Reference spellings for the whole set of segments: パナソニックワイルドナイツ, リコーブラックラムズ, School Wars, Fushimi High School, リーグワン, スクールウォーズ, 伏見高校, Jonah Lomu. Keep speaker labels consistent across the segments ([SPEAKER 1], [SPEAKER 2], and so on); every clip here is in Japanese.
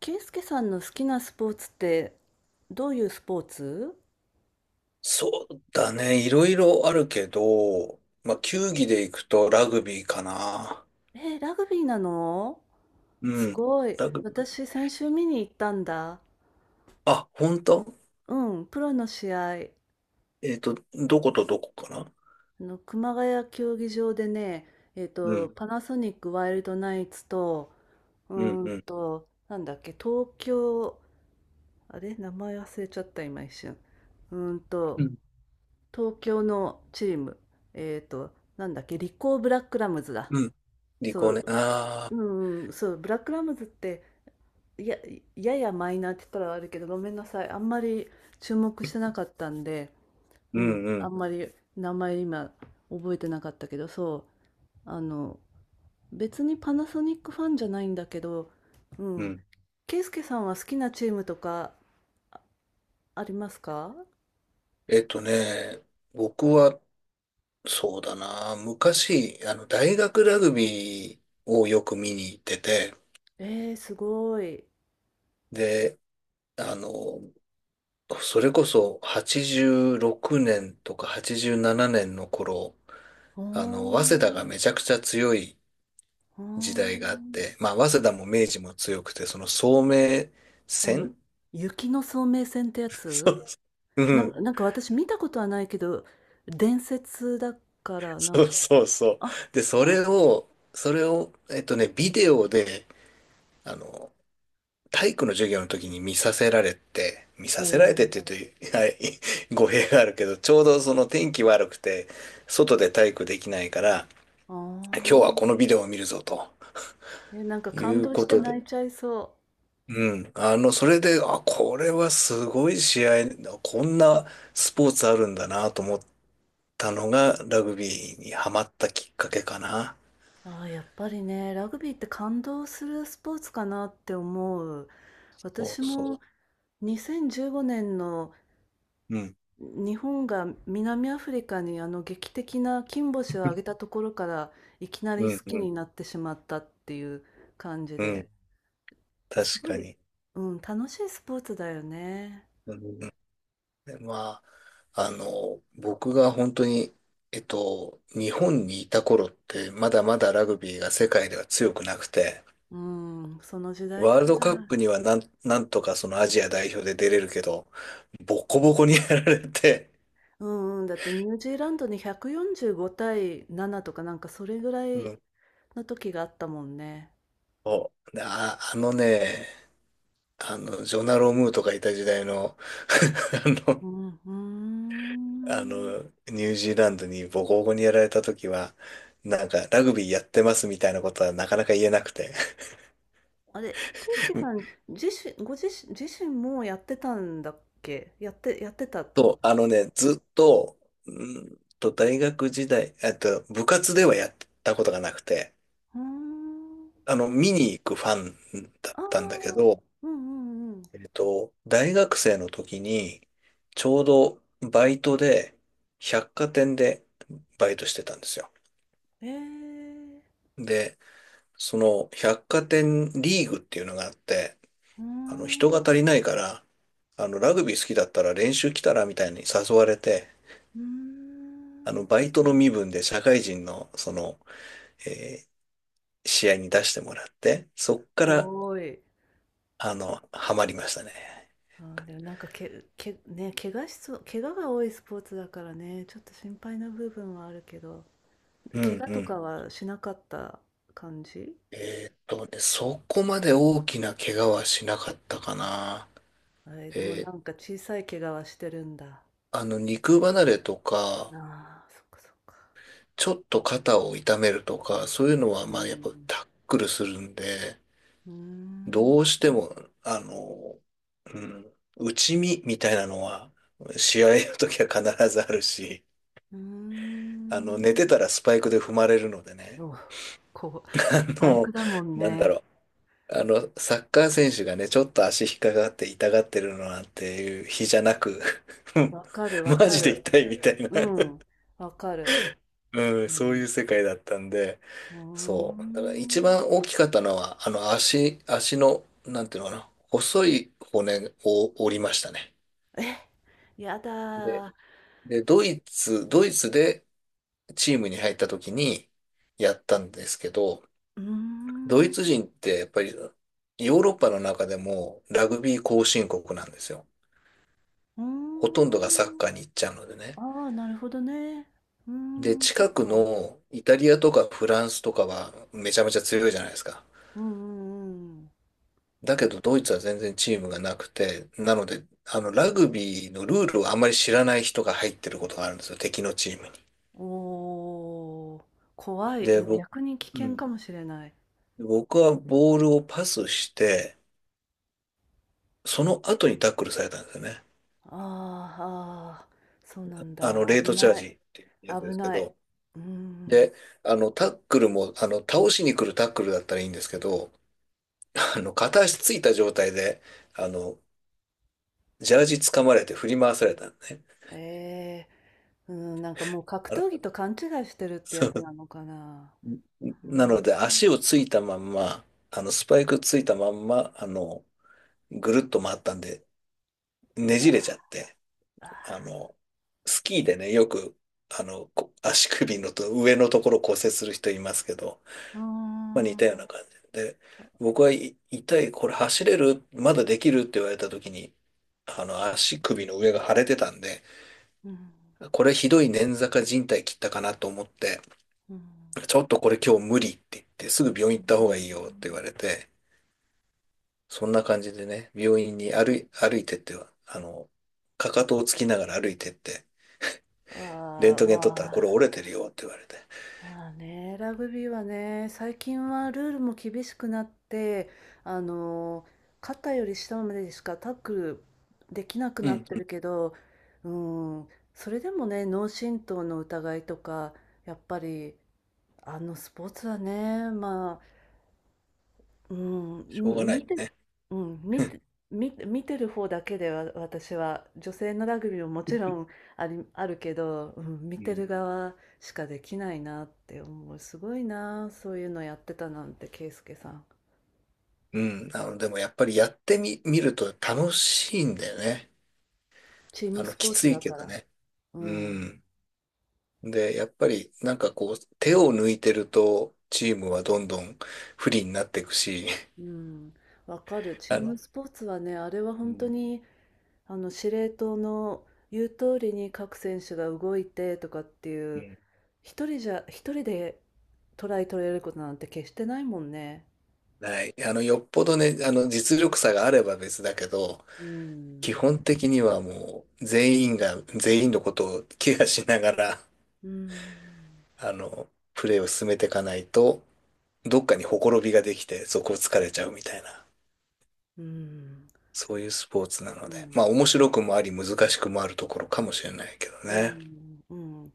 [SPEAKER 1] 圭介さんの好きなスポーツって、どういうスポーツ？
[SPEAKER 2] そうだね。いろいろあるけど、まあ、球技で行くとラグビーかな。
[SPEAKER 1] えーラグビーなの？
[SPEAKER 2] う
[SPEAKER 1] す
[SPEAKER 2] ん。
[SPEAKER 1] ごい。
[SPEAKER 2] ラグビー。
[SPEAKER 1] 私、先週見に行ったんだ。
[SPEAKER 2] あ、本当。
[SPEAKER 1] うん、プロの試合。
[SPEAKER 2] どことどこかな？
[SPEAKER 1] あの、熊谷競技場でね、
[SPEAKER 2] うん、
[SPEAKER 1] パナソニックワイルドナイツと、
[SPEAKER 2] うん、うん。
[SPEAKER 1] なんだっけ、東京、あれ名前忘れちゃった、今一瞬。うーん
[SPEAKER 2] う
[SPEAKER 1] と、
[SPEAKER 2] ん、
[SPEAKER 1] 東京のチーム、えっと、なんだっけ、リコーブラックラムズだ。
[SPEAKER 2] うん。リ
[SPEAKER 1] そ
[SPEAKER 2] コね。
[SPEAKER 1] う、
[SPEAKER 2] ああ、
[SPEAKER 1] うんそう、ブラックラムズって、や、ややマイナーって言ったらあるけど、ごめんなさい。あんまり注目してなかったんで、
[SPEAKER 2] う
[SPEAKER 1] う
[SPEAKER 2] ん、
[SPEAKER 1] ん、
[SPEAKER 2] う
[SPEAKER 1] あ
[SPEAKER 2] ん、
[SPEAKER 1] んまり名前今覚えてなかったけど、そう、あの、別にパナソニックファンじゃないんだけど、う
[SPEAKER 2] う
[SPEAKER 1] ん、
[SPEAKER 2] ん。
[SPEAKER 1] ケイスケさんは好きなチームとかありますか？
[SPEAKER 2] えっとね、僕は、そうだな。昔、大学ラグビーをよく見に行ってて、
[SPEAKER 1] えー、すごい。
[SPEAKER 2] で、あの、それこそ86年とか87年の頃、
[SPEAKER 1] ほー
[SPEAKER 2] 早稲田が
[SPEAKER 1] ん、
[SPEAKER 2] めちゃくちゃ強い
[SPEAKER 1] ほー
[SPEAKER 2] 時代があっ
[SPEAKER 1] ん。
[SPEAKER 2] て、まあ、早稲田も明治も強くて、その聡明
[SPEAKER 1] あの、
[SPEAKER 2] 戦。
[SPEAKER 1] 雪の聡明戦ってや
[SPEAKER 2] そ
[SPEAKER 1] つ、
[SPEAKER 2] う。う
[SPEAKER 1] な
[SPEAKER 2] ん。
[SPEAKER 1] んなんか私見たことはないけど、伝説だからな
[SPEAKER 2] そ
[SPEAKER 1] ん
[SPEAKER 2] う
[SPEAKER 1] か、
[SPEAKER 2] そうそう。
[SPEAKER 1] あ、
[SPEAKER 2] で、そ
[SPEAKER 1] そ
[SPEAKER 2] れ
[SPEAKER 1] う。
[SPEAKER 2] を、それを、ビデオで、あの、体育の授業の時に見させられて、見
[SPEAKER 1] お
[SPEAKER 2] させられてっ
[SPEAKER 1] お、
[SPEAKER 2] て言うと、はい、語弊があるけど、ちょうどその天気悪くて、外で体育できないから、
[SPEAKER 1] あ
[SPEAKER 2] 今日はこのビデオ
[SPEAKER 1] あ。
[SPEAKER 2] を見るぞと
[SPEAKER 1] え、なんか
[SPEAKER 2] い
[SPEAKER 1] 感
[SPEAKER 2] う
[SPEAKER 1] 動
[SPEAKER 2] こ
[SPEAKER 1] して
[SPEAKER 2] とで、
[SPEAKER 1] 泣いちゃいそ
[SPEAKER 2] うん。それで、あ、これはすごい試合、こんなスポーツあるんだなと思ったのが、ラグビーにハマったきっかけかな。
[SPEAKER 1] う。ああ、やっぱりね、ラグビーって感動するスポーツかなって思う。
[SPEAKER 2] そ
[SPEAKER 1] 私
[SPEAKER 2] う
[SPEAKER 1] も
[SPEAKER 2] そ
[SPEAKER 1] 2015年の
[SPEAKER 2] う。うん。
[SPEAKER 1] 日本が南アフリカにあの劇的な金星を挙げたところからいきな
[SPEAKER 2] う
[SPEAKER 1] り
[SPEAKER 2] ん、
[SPEAKER 1] 好き
[SPEAKER 2] うん、
[SPEAKER 1] になってしまったっていう感じ
[SPEAKER 2] うん。
[SPEAKER 1] で。す
[SPEAKER 2] 確
[SPEAKER 1] ご
[SPEAKER 2] か
[SPEAKER 1] い、
[SPEAKER 2] に。
[SPEAKER 1] うん、楽しいスポーツだよね。
[SPEAKER 2] うん、で、まあ、僕が本当に、日本にいた頃って、まだまだラグビーが世界では強くなくて、
[SPEAKER 1] うん、その時代
[SPEAKER 2] ワール
[SPEAKER 1] から。
[SPEAKER 2] ドカップにはなんとかそのアジア代表で出れるけど、ボコボコにやられて、
[SPEAKER 1] うんうん、だってニュージーランドに145対7とかなんかそれぐら
[SPEAKER 2] う
[SPEAKER 1] い
[SPEAKER 2] ん、
[SPEAKER 1] の時があったもんね。
[SPEAKER 2] そう。で、あ、あのね、ジョナロームーとかいた時代の あの、
[SPEAKER 1] うん、うーん。
[SPEAKER 2] ニュージーランドにボコボコにやられた時は、なんか、ラグビーやってますみたいなことはなかなか言えなくて。
[SPEAKER 1] あれ、俊介さん ご自身もやってたんだっけ、やってたってこ
[SPEAKER 2] そ
[SPEAKER 1] と？
[SPEAKER 2] う、あのね、ずっと、う大学時代、部活ではやったことがなくて、
[SPEAKER 1] うーん。
[SPEAKER 2] 見に行くファンだっ
[SPEAKER 1] あ
[SPEAKER 2] たんだけ
[SPEAKER 1] あ、
[SPEAKER 2] ど、
[SPEAKER 1] うんうんうん。
[SPEAKER 2] 大学生の時に、ちょうどバイトで、百貨店でバイトしてたんですよ。
[SPEAKER 1] ええー、
[SPEAKER 2] で、その百貨店リーグっていうのがあって、
[SPEAKER 1] うー
[SPEAKER 2] 人が
[SPEAKER 1] ん、う
[SPEAKER 2] 足りないから、ラグビー好きだったら練習来たらみたいに誘われて、
[SPEAKER 1] ーん。
[SPEAKER 2] バイトの身分で社会人の、その、えー試合に出してもらって、そっから、
[SPEAKER 1] ごーい。
[SPEAKER 2] ハマりましたね。
[SPEAKER 1] あ、でもなんかね、怪我しそう、怪我が多いスポーツだからね、ちょっと心配な部分はあるけど、
[SPEAKER 2] う
[SPEAKER 1] 怪
[SPEAKER 2] ん、
[SPEAKER 1] 我
[SPEAKER 2] う
[SPEAKER 1] と
[SPEAKER 2] ん。
[SPEAKER 1] かはしなかった感じ？
[SPEAKER 2] そこまで大きな怪我はしなかったかな。
[SPEAKER 1] え、でも
[SPEAKER 2] え
[SPEAKER 1] な
[SPEAKER 2] ー
[SPEAKER 1] んか小さい怪我はしてるんだ。
[SPEAKER 2] 肉離れと
[SPEAKER 1] あ
[SPEAKER 2] か、
[SPEAKER 1] あ、そっかそっか。
[SPEAKER 2] ちょっと肩を痛めるとか、そういうのは、
[SPEAKER 1] う
[SPEAKER 2] まあ、やっぱ
[SPEAKER 1] ん。
[SPEAKER 2] タックルするんで、
[SPEAKER 1] うーん。
[SPEAKER 2] どうしても、あの、うん、内身みたいなのは、試合の時は必ずあるし、
[SPEAKER 1] うー
[SPEAKER 2] 寝て
[SPEAKER 1] ん。
[SPEAKER 2] たらスパイクで踏まれるのでね、
[SPEAKER 1] お、こう、
[SPEAKER 2] あ
[SPEAKER 1] 体
[SPEAKER 2] の、
[SPEAKER 1] 育だもん
[SPEAKER 2] なんだ
[SPEAKER 1] ね。
[SPEAKER 2] ろう、サッカー選手がね、ちょっと足引っかかって痛がってるのなんていう日じゃなく うん、
[SPEAKER 1] わかるわ
[SPEAKER 2] マ
[SPEAKER 1] か
[SPEAKER 2] ジで
[SPEAKER 1] る。
[SPEAKER 2] 痛いみたいな。
[SPEAKER 1] うん。わかる。
[SPEAKER 2] うん、
[SPEAKER 1] う
[SPEAKER 2] そうい
[SPEAKER 1] ん。
[SPEAKER 2] う世界だったんで、
[SPEAKER 1] うー
[SPEAKER 2] そう。だから一
[SPEAKER 1] ん。
[SPEAKER 2] 番大きかったのは、足の、なんていうのかな、細い骨を折りましたね。
[SPEAKER 1] え、やだ
[SPEAKER 2] で、
[SPEAKER 1] ー。
[SPEAKER 2] で、ドイツでチームに入った時にやったんですけど、
[SPEAKER 1] うー
[SPEAKER 2] ドイ
[SPEAKER 1] ん。う
[SPEAKER 2] ツ人ってやっぱりヨーロッパの中でもラグビー後進国なんですよ。
[SPEAKER 1] ー
[SPEAKER 2] ほとんどがサッ
[SPEAKER 1] ん。
[SPEAKER 2] カーに行っちゃうのでね。
[SPEAKER 1] ああ、なるほどね。うー
[SPEAKER 2] で、
[SPEAKER 1] ん、そっ
[SPEAKER 2] 近く
[SPEAKER 1] か。
[SPEAKER 2] のイタリアとかフランスとかはめちゃめちゃ強いじゃないですか。
[SPEAKER 1] うんうんうん。
[SPEAKER 2] だけどドイツは全然チームがなくて、なので、ラグビーのルールをあまり知らない人が入ってることがあるんですよ、敵のチームに。
[SPEAKER 1] おお、怖い。
[SPEAKER 2] で、
[SPEAKER 1] うん、
[SPEAKER 2] 僕、
[SPEAKER 1] 逆に危
[SPEAKER 2] う
[SPEAKER 1] 険
[SPEAKER 2] ん、
[SPEAKER 1] かもしれない。
[SPEAKER 2] 僕はボールをパスして、その後にタックルされたんですよね。
[SPEAKER 1] あーあー、そうなんだ。
[SPEAKER 2] レー
[SPEAKER 1] 危
[SPEAKER 2] トチャー
[SPEAKER 1] な
[SPEAKER 2] ジ
[SPEAKER 1] い。
[SPEAKER 2] っていうやつで
[SPEAKER 1] 危
[SPEAKER 2] すけ
[SPEAKER 1] ない。
[SPEAKER 2] ど。
[SPEAKER 1] うー
[SPEAKER 2] で、
[SPEAKER 1] ん。
[SPEAKER 2] タックルも、倒しに来るタックルだったらいいんですけど、片足ついた状態で、あの、ジャージ掴まれて振り回されたのね。
[SPEAKER 1] ええーうん、なんかもう格
[SPEAKER 2] あの
[SPEAKER 1] 闘技と勘違いしてるってやつなのかな。う
[SPEAKER 2] なの
[SPEAKER 1] ん、
[SPEAKER 2] で、足をついたまんま、スパイクついたまんま、ぐるっと回ったんで、
[SPEAKER 1] い
[SPEAKER 2] ね
[SPEAKER 1] や、
[SPEAKER 2] じれちゃって、あ
[SPEAKER 1] あ
[SPEAKER 2] の、スキーでね、よく、こ足首のと上のところ骨折する人いますけど、
[SPEAKER 1] ーうー
[SPEAKER 2] まあ似
[SPEAKER 1] ん。うん。
[SPEAKER 2] たような感じで、僕はい痛い、これ走れるまだできるって言われた時に、足首の上が腫れてたんで、
[SPEAKER 1] う
[SPEAKER 2] これひどい捻挫か靭帯切ったかなと思って、
[SPEAKER 1] ん。
[SPEAKER 2] ちょっとこれ今日無理って言って、すぐ病院
[SPEAKER 1] う
[SPEAKER 2] 行った方がいいよって言わ
[SPEAKER 1] ん、
[SPEAKER 2] れて、そんな感じでね、病院に歩いてっては、かかとをつきながら歩いてって、レン
[SPEAKER 1] あ
[SPEAKER 2] ト
[SPEAKER 1] ー、
[SPEAKER 2] ゲン撮っ
[SPEAKER 1] ま
[SPEAKER 2] たらこれ
[SPEAKER 1] あ、
[SPEAKER 2] 折れてるよって言われて、
[SPEAKER 1] まあね、ラグビーはね、最近はルールも厳しくなって、あの、肩より下までしかタックルできなく
[SPEAKER 2] う
[SPEAKER 1] なっ
[SPEAKER 2] ん、
[SPEAKER 1] て
[SPEAKER 2] う
[SPEAKER 1] る
[SPEAKER 2] ん、
[SPEAKER 1] けど、うん、それでもね、脳震盪の疑いとか、やっぱり、あのスポーツはね、ま、うん、
[SPEAKER 2] しょうがない
[SPEAKER 1] 見てる。
[SPEAKER 2] ね。
[SPEAKER 1] うん、見てる方だけでは、私は女性のラグビーももちろんあるけど、うん、見
[SPEAKER 2] う
[SPEAKER 1] て
[SPEAKER 2] ん、
[SPEAKER 1] る側しかできないなって思う。すごいな、そういうのやってたなんて、圭介さん。
[SPEAKER 2] うん、でもやっぱりやってみ、見ると楽しいんだよね。
[SPEAKER 1] チームス
[SPEAKER 2] き
[SPEAKER 1] ポー
[SPEAKER 2] つ
[SPEAKER 1] ツ
[SPEAKER 2] い
[SPEAKER 1] だ
[SPEAKER 2] け
[SPEAKER 1] か
[SPEAKER 2] ど
[SPEAKER 1] ら。
[SPEAKER 2] ね。
[SPEAKER 1] う
[SPEAKER 2] う
[SPEAKER 1] ん。
[SPEAKER 2] ん。で、やっぱりなんかこう、手を抜いてると、チームはどんどん不利になっていくし、
[SPEAKER 1] うん。わかる。チー
[SPEAKER 2] あの、
[SPEAKER 1] ムスポーツはね、あれは
[SPEAKER 2] う
[SPEAKER 1] 本当
[SPEAKER 2] ん、
[SPEAKER 1] にあの司令塔の言う通りに各選手が動いてとかってい
[SPEAKER 2] う
[SPEAKER 1] う、
[SPEAKER 2] ん。
[SPEAKER 1] 一人でトライ取れることなんて決してないもんね。
[SPEAKER 2] ない。よっぽどね、実力差があれば別だけど、
[SPEAKER 1] う
[SPEAKER 2] 基
[SPEAKER 1] ん。
[SPEAKER 2] 本的にはもう、全員が、全員のことをケアしながら、
[SPEAKER 1] うん、
[SPEAKER 2] プレーを進めていかないと、どっかにほころびができて、そこを疲れちゃうみたいな、
[SPEAKER 1] うん、
[SPEAKER 2] そういうスポーツなの
[SPEAKER 1] う
[SPEAKER 2] で、ま
[SPEAKER 1] ん、
[SPEAKER 2] あ、面白くもあり、難しくもあるところかもしれないけど
[SPEAKER 1] う
[SPEAKER 2] ね。
[SPEAKER 1] ん、うん。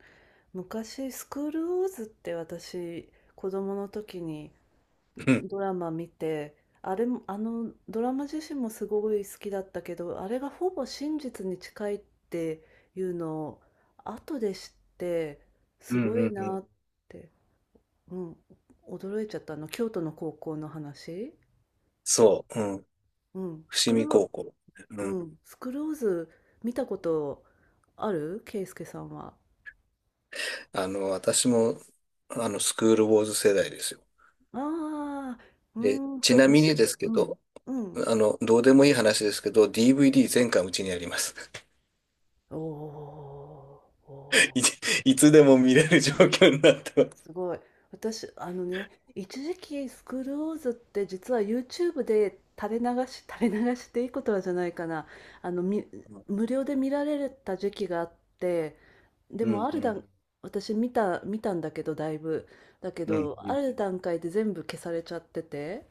[SPEAKER 1] 昔「スクールウォーズ」って、私子供の時に
[SPEAKER 2] うん。
[SPEAKER 1] ドラマ見て、あれも、あのドラマ自身もすごい好きだったけど、あれがほぼ真実に近いっていうのを後で知って、
[SPEAKER 2] う
[SPEAKER 1] す
[SPEAKER 2] ん、
[SPEAKER 1] ご
[SPEAKER 2] う
[SPEAKER 1] い
[SPEAKER 2] ん、う
[SPEAKER 1] な
[SPEAKER 2] ん。
[SPEAKER 1] って、うん、驚いちゃったあの。京都の高校の話。
[SPEAKER 2] そう、うん。
[SPEAKER 1] うん、ス
[SPEAKER 2] 伏
[SPEAKER 1] ク
[SPEAKER 2] 見
[SPEAKER 1] ロ、
[SPEAKER 2] 高校。う
[SPEAKER 1] う
[SPEAKER 2] ん。
[SPEAKER 1] ん、スクローズ見たことあるケイスケさんは？
[SPEAKER 2] 私も、スクールウォーズ世代ですよ。
[SPEAKER 1] ああ、う
[SPEAKER 2] で、
[SPEAKER 1] ん、
[SPEAKER 2] ち
[SPEAKER 1] そう、
[SPEAKER 2] なみ
[SPEAKER 1] 年、
[SPEAKER 2] にですけ
[SPEAKER 1] うん、
[SPEAKER 2] ど、
[SPEAKER 1] うん。
[SPEAKER 2] どうでもいい話ですけど、DVD 全巻うちにあります。
[SPEAKER 1] おー、お
[SPEAKER 2] い
[SPEAKER 1] ー、
[SPEAKER 2] つ、いつでも見れる状況になってます。
[SPEAKER 1] すごい。私、あのね、一時期スクールウォーズって実は YouTube で垂れ流していいことはじゃないかな。あの、無料で見られた時期があって、で
[SPEAKER 2] う
[SPEAKER 1] も
[SPEAKER 2] ん、
[SPEAKER 1] あ
[SPEAKER 2] う
[SPEAKER 1] る
[SPEAKER 2] ん、
[SPEAKER 1] 段、私見たんだけど、だいぶ。だけ
[SPEAKER 2] うん、
[SPEAKER 1] ど、
[SPEAKER 2] う
[SPEAKER 1] あ
[SPEAKER 2] ん。
[SPEAKER 1] る段階で全部消されちゃってて、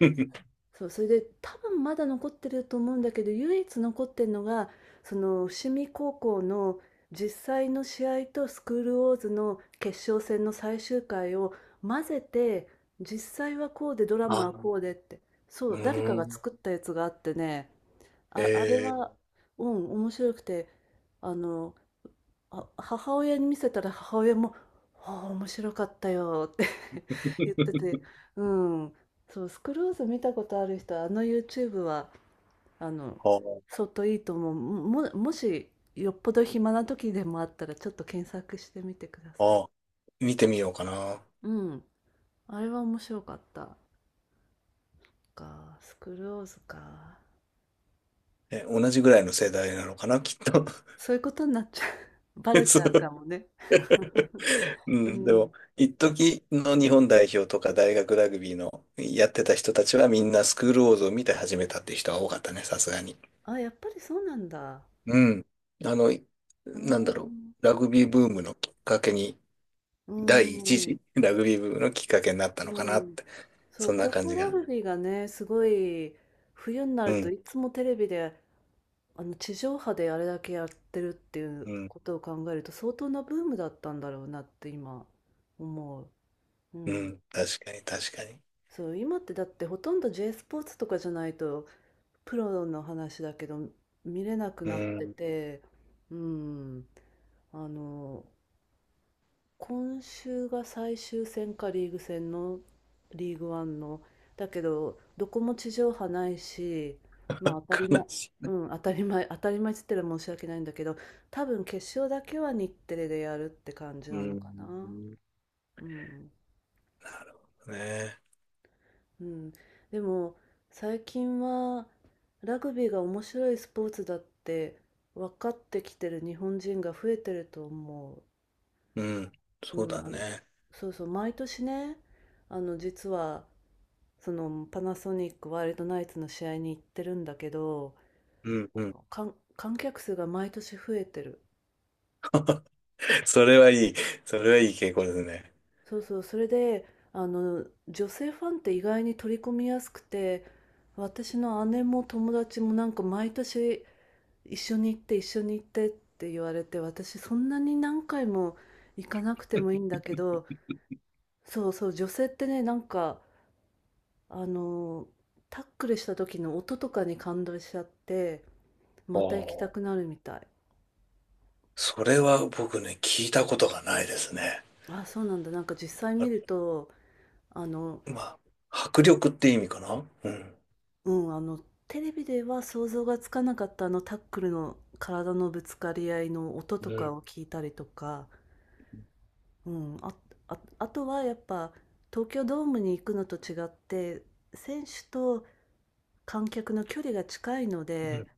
[SPEAKER 1] そう、それで、多分まだ残ってると思うんだけど、唯一残ってるのが、その伏見高校の実際の試合とスクールウォーズの決勝戦の最終回を混ぜて、実際はこうでドラ
[SPEAKER 2] あ、
[SPEAKER 1] マは
[SPEAKER 2] う
[SPEAKER 1] こうでって、そ
[SPEAKER 2] ー
[SPEAKER 1] う、誰かが
[SPEAKER 2] ん。
[SPEAKER 1] 作ったやつがあってね、あ、あれは、
[SPEAKER 2] え
[SPEAKER 1] うん、面白くて、あの、あ、母親に見せたら母親も「ああ、面白かったよ」って 言って
[SPEAKER 2] ー、
[SPEAKER 1] て、うん、そう、スクローズ見たことある人は、あの YouTube は、あの、
[SPEAKER 2] は
[SPEAKER 1] 相当いいと思う。もし、よっぽど暇な時でもあったら、ちょっと検索してみてくだ
[SPEAKER 2] あ、
[SPEAKER 1] さい。
[SPEAKER 2] はあ、見てみようかな。
[SPEAKER 1] うん、あれは面白かった。か、スクローズか。
[SPEAKER 2] え、同じぐらいの世代なのかな、きっと。
[SPEAKER 1] そういうことになっちゃう。バレ ち
[SPEAKER 2] そ
[SPEAKER 1] ゃうか
[SPEAKER 2] う。
[SPEAKER 1] もね。
[SPEAKER 2] う
[SPEAKER 1] う
[SPEAKER 2] ん、で
[SPEAKER 1] ん。
[SPEAKER 2] も、一時の日本代表とか大学ラグビーのやってた人たちはみんなスクールウォーズを見て始めたっていう人は多かったね、さすがに。
[SPEAKER 1] あ、やっぱりそうなんだ。
[SPEAKER 2] うん。あの、い
[SPEAKER 1] うー
[SPEAKER 2] なんだろ
[SPEAKER 1] ん。
[SPEAKER 2] う。ラグビーブームのきっかけに、
[SPEAKER 1] う
[SPEAKER 2] 第一
[SPEAKER 1] ーん。
[SPEAKER 2] 次 ラグビーブームのきっかけになった
[SPEAKER 1] う
[SPEAKER 2] のかな
[SPEAKER 1] ー
[SPEAKER 2] っ
[SPEAKER 1] ん。
[SPEAKER 2] て。
[SPEAKER 1] そ
[SPEAKER 2] そ
[SPEAKER 1] う、
[SPEAKER 2] んな
[SPEAKER 1] 高
[SPEAKER 2] 感
[SPEAKER 1] 校
[SPEAKER 2] じ
[SPEAKER 1] ラ
[SPEAKER 2] が。
[SPEAKER 1] グビーがね、すごい、冬にな
[SPEAKER 2] う
[SPEAKER 1] ると
[SPEAKER 2] ん。
[SPEAKER 1] いつもテレビで、あの、地上波であれだけやってるってい
[SPEAKER 2] う
[SPEAKER 1] う
[SPEAKER 2] ん。
[SPEAKER 1] ことを考えると、相当なブームだったんだろうなって今思う。う
[SPEAKER 2] う
[SPEAKER 1] ん。
[SPEAKER 2] ん。確かに、確かに。
[SPEAKER 1] そう、今ってだってほとんど J スポーツとかじゃないと、プロの話だけど、見れなく
[SPEAKER 2] う
[SPEAKER 1] なって
[SPEAKER 2] ん。
[SPEAKER 1] て、うん。あの、今週が最終戦か、リーグ戦の、リーグワンの、だけどどこも地上波ないし、まあ当たり
[SPEAKER 2] 悲
[SPEAKER 1] 前、
[SPEAKER 2] しい。
[SPEAKER 1] うん、当たり前当たり前っつったら申し訳ないんだけど、多分決勝だけは日テレでやるって感じ
[SPEAKER 2] う
[SPEAKER 1] なのかな。
[SPEAKER 2] ん。
[SPEAKER 1] うん、
[SPEAKER 2] ね。
[SPEAKER 1] うん。でも最近はラグビーが面白いスポーツだって分かってきてる日本人が増えてると思
[SPEAKER 2] うん。
[SPEAKER 1] う。
[SPEAKER 2] そう
[SPEAKER 1] う
[SPEAKER 2] だ
[SPEAKER 1] ん、あの、
[SPEAKER 2] ね。
[SPEAKER 1] そうそう、毎年ね、あの、実はそのパナソニックワイルドナイツの試合に行ってるんだけど、
[SPEAKER 2] うん。
[SPEAKER 1] あ
[SPEAKER 2] うん。
[SPEAKER 1] の、観客数が毎年増えてる。
[SPEAKER 2] それはいい。それはいい傾向ですね。
[SPEAKER 1] そうそう、それで、あの、女性ファンって意外に取り込みやすくて、私の姉も友達もなんか毎年、一緒に行って一緒に行ってって言われて、私そんなに何回も行かなくてもいいんだけど、そうそう、女性ってね、なんか、あの、タックルした時の音とかに感動しちゃって、
[SPEAKER 2] お
[SPEAKER 1] また行きた
[SPEAKER 2] ー、
[SPEAKER 1] くなるみたい。
[SPEAKER 2] それは僕ね、聞いたことがないですね。
[SPEAKER 1] あ、そうなんだ。なんか実際
[SPEAKER 2] あ、
[SPEAKER 1] 見ると、あの、
[SPEAKER 2] まあ、迫力って意味かな。うん。
[SPEAKER 1] うん、あの、テレビでは想像がつかなかったあのタックルの体のぶつかり合いの音と
[SPEAKER 2] うん。
[SPEAKER 1] かを聞いたりとか、うん、あとはやっぱ東京ドームに行くのと違って、選手と観客の距離が近いの
[SPEAKER 2] う
[SPEAKER 1] で、
[SPEAKER 2] ん。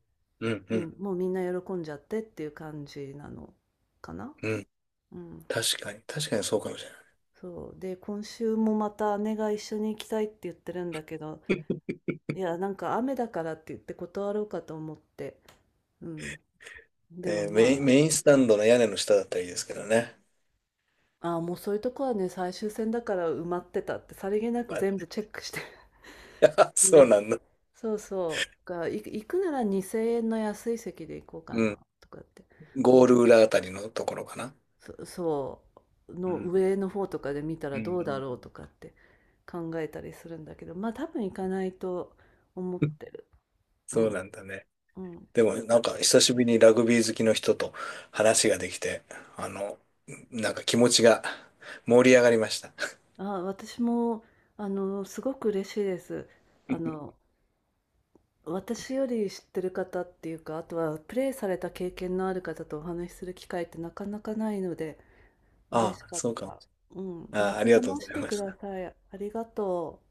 [SPEAKER 2] うん。う
[SPEAKER 1] うん、
[SPEAKER 2] ん。
[SPEAKER 1] もうみんな喜んじゃってっていう感じなのかな。
[SPEAKER 2] うん、
[SPEAKER 1] うん、
[SPEAKER 2] 確かに、確かにそうかもしれない。
[SPEAKER 1] そう。で、今週もまた姉が一緒に行きたいって言ってるんだけど、いや、なんか雨だからって言って断ろうかと思って。うん。でもま
[SPEAKER 2] メインスタンドの屋根の下だったらいいですけどね。
[SPEAKER 1] あ、あーもうそういうとこはね、最終戦だから埋まってたって、さりげな
[SPEAKER 2] ま
[SPEAKER 1] く
[SPEAKER 2] あ
[SPEAKER 1] 全部チェックして。
[SPEAKER 2] そう
[SPEAKER 1] で、
[SPEAKER 2] なんだ。
[SPEAKER 1] そうそう。行くなら2000円の安い席で行こうか
[SPEAKER 2] うん。
[SPEAKER 1] な、とかって。も
[SPEAKER 2] ゴー
[SPEAKER 1] う、
[SPEAKER 2] ル裏あたりのところかな。
[SPEAKER 1] そう、
[SPEAKER 2] う
[SPEAKER 1] の
[SPEAKER 2] ん。
[SPEAKER 1] 上の方とかで見た
[SPEAKER 2] う
[SPEAKER 1] ら
[SPEAKER 2] ん。
[SPEAKER 1] どう
[SPEAKER 2] う
[SPEAKER 1] だ
[SPEAKER 2] ん
[SPEAKER 1] ろうとかって考えたりするんだけど、まあ多分行かないと思っ てる。う
[SPEAKER 2] そうな
[SPEAKER 1] ん。
[SPEAKER 2] んだね。
[SPEAKER 1] うん。
[SPEAKER 2] でも、なんか、久しぶりにラグビー好きの人と話ができて、あの、なんか気持ちが盛り上がりました。
[SPEAKER 1] あ、私も、あの、すごく嬉しいです。あの、私より知ってる方っていうか、あとはプレイされた経験のある方とお話しする機会ってなかなかないので、嬉
[SPEAKER 2] あ
[SPEAKER 1] し
[SPEAKER 2] あ、
[SPEAKER 1] かっ
[SPEAKER 2] そうかも。
[SPEAKER 1] た。うん、
[SPEAKER 2] あ
[SPEAKER 1] ま
[SPEAKER 2] あ、あ
[SPEAKER 1] た
[SPEAKER 2] りがとうご
[SPEAKER 1] 話し
[SPEAKER 2] ざい
[SPEAKER 1] て
[SPEAKER 2] ま
[SPEAKER 1] く
[SPEAKER 2] し
[SPEAKER 1] だ
[SPEAKER 2] た。
[SPEAKER 1] さい。ありがとう。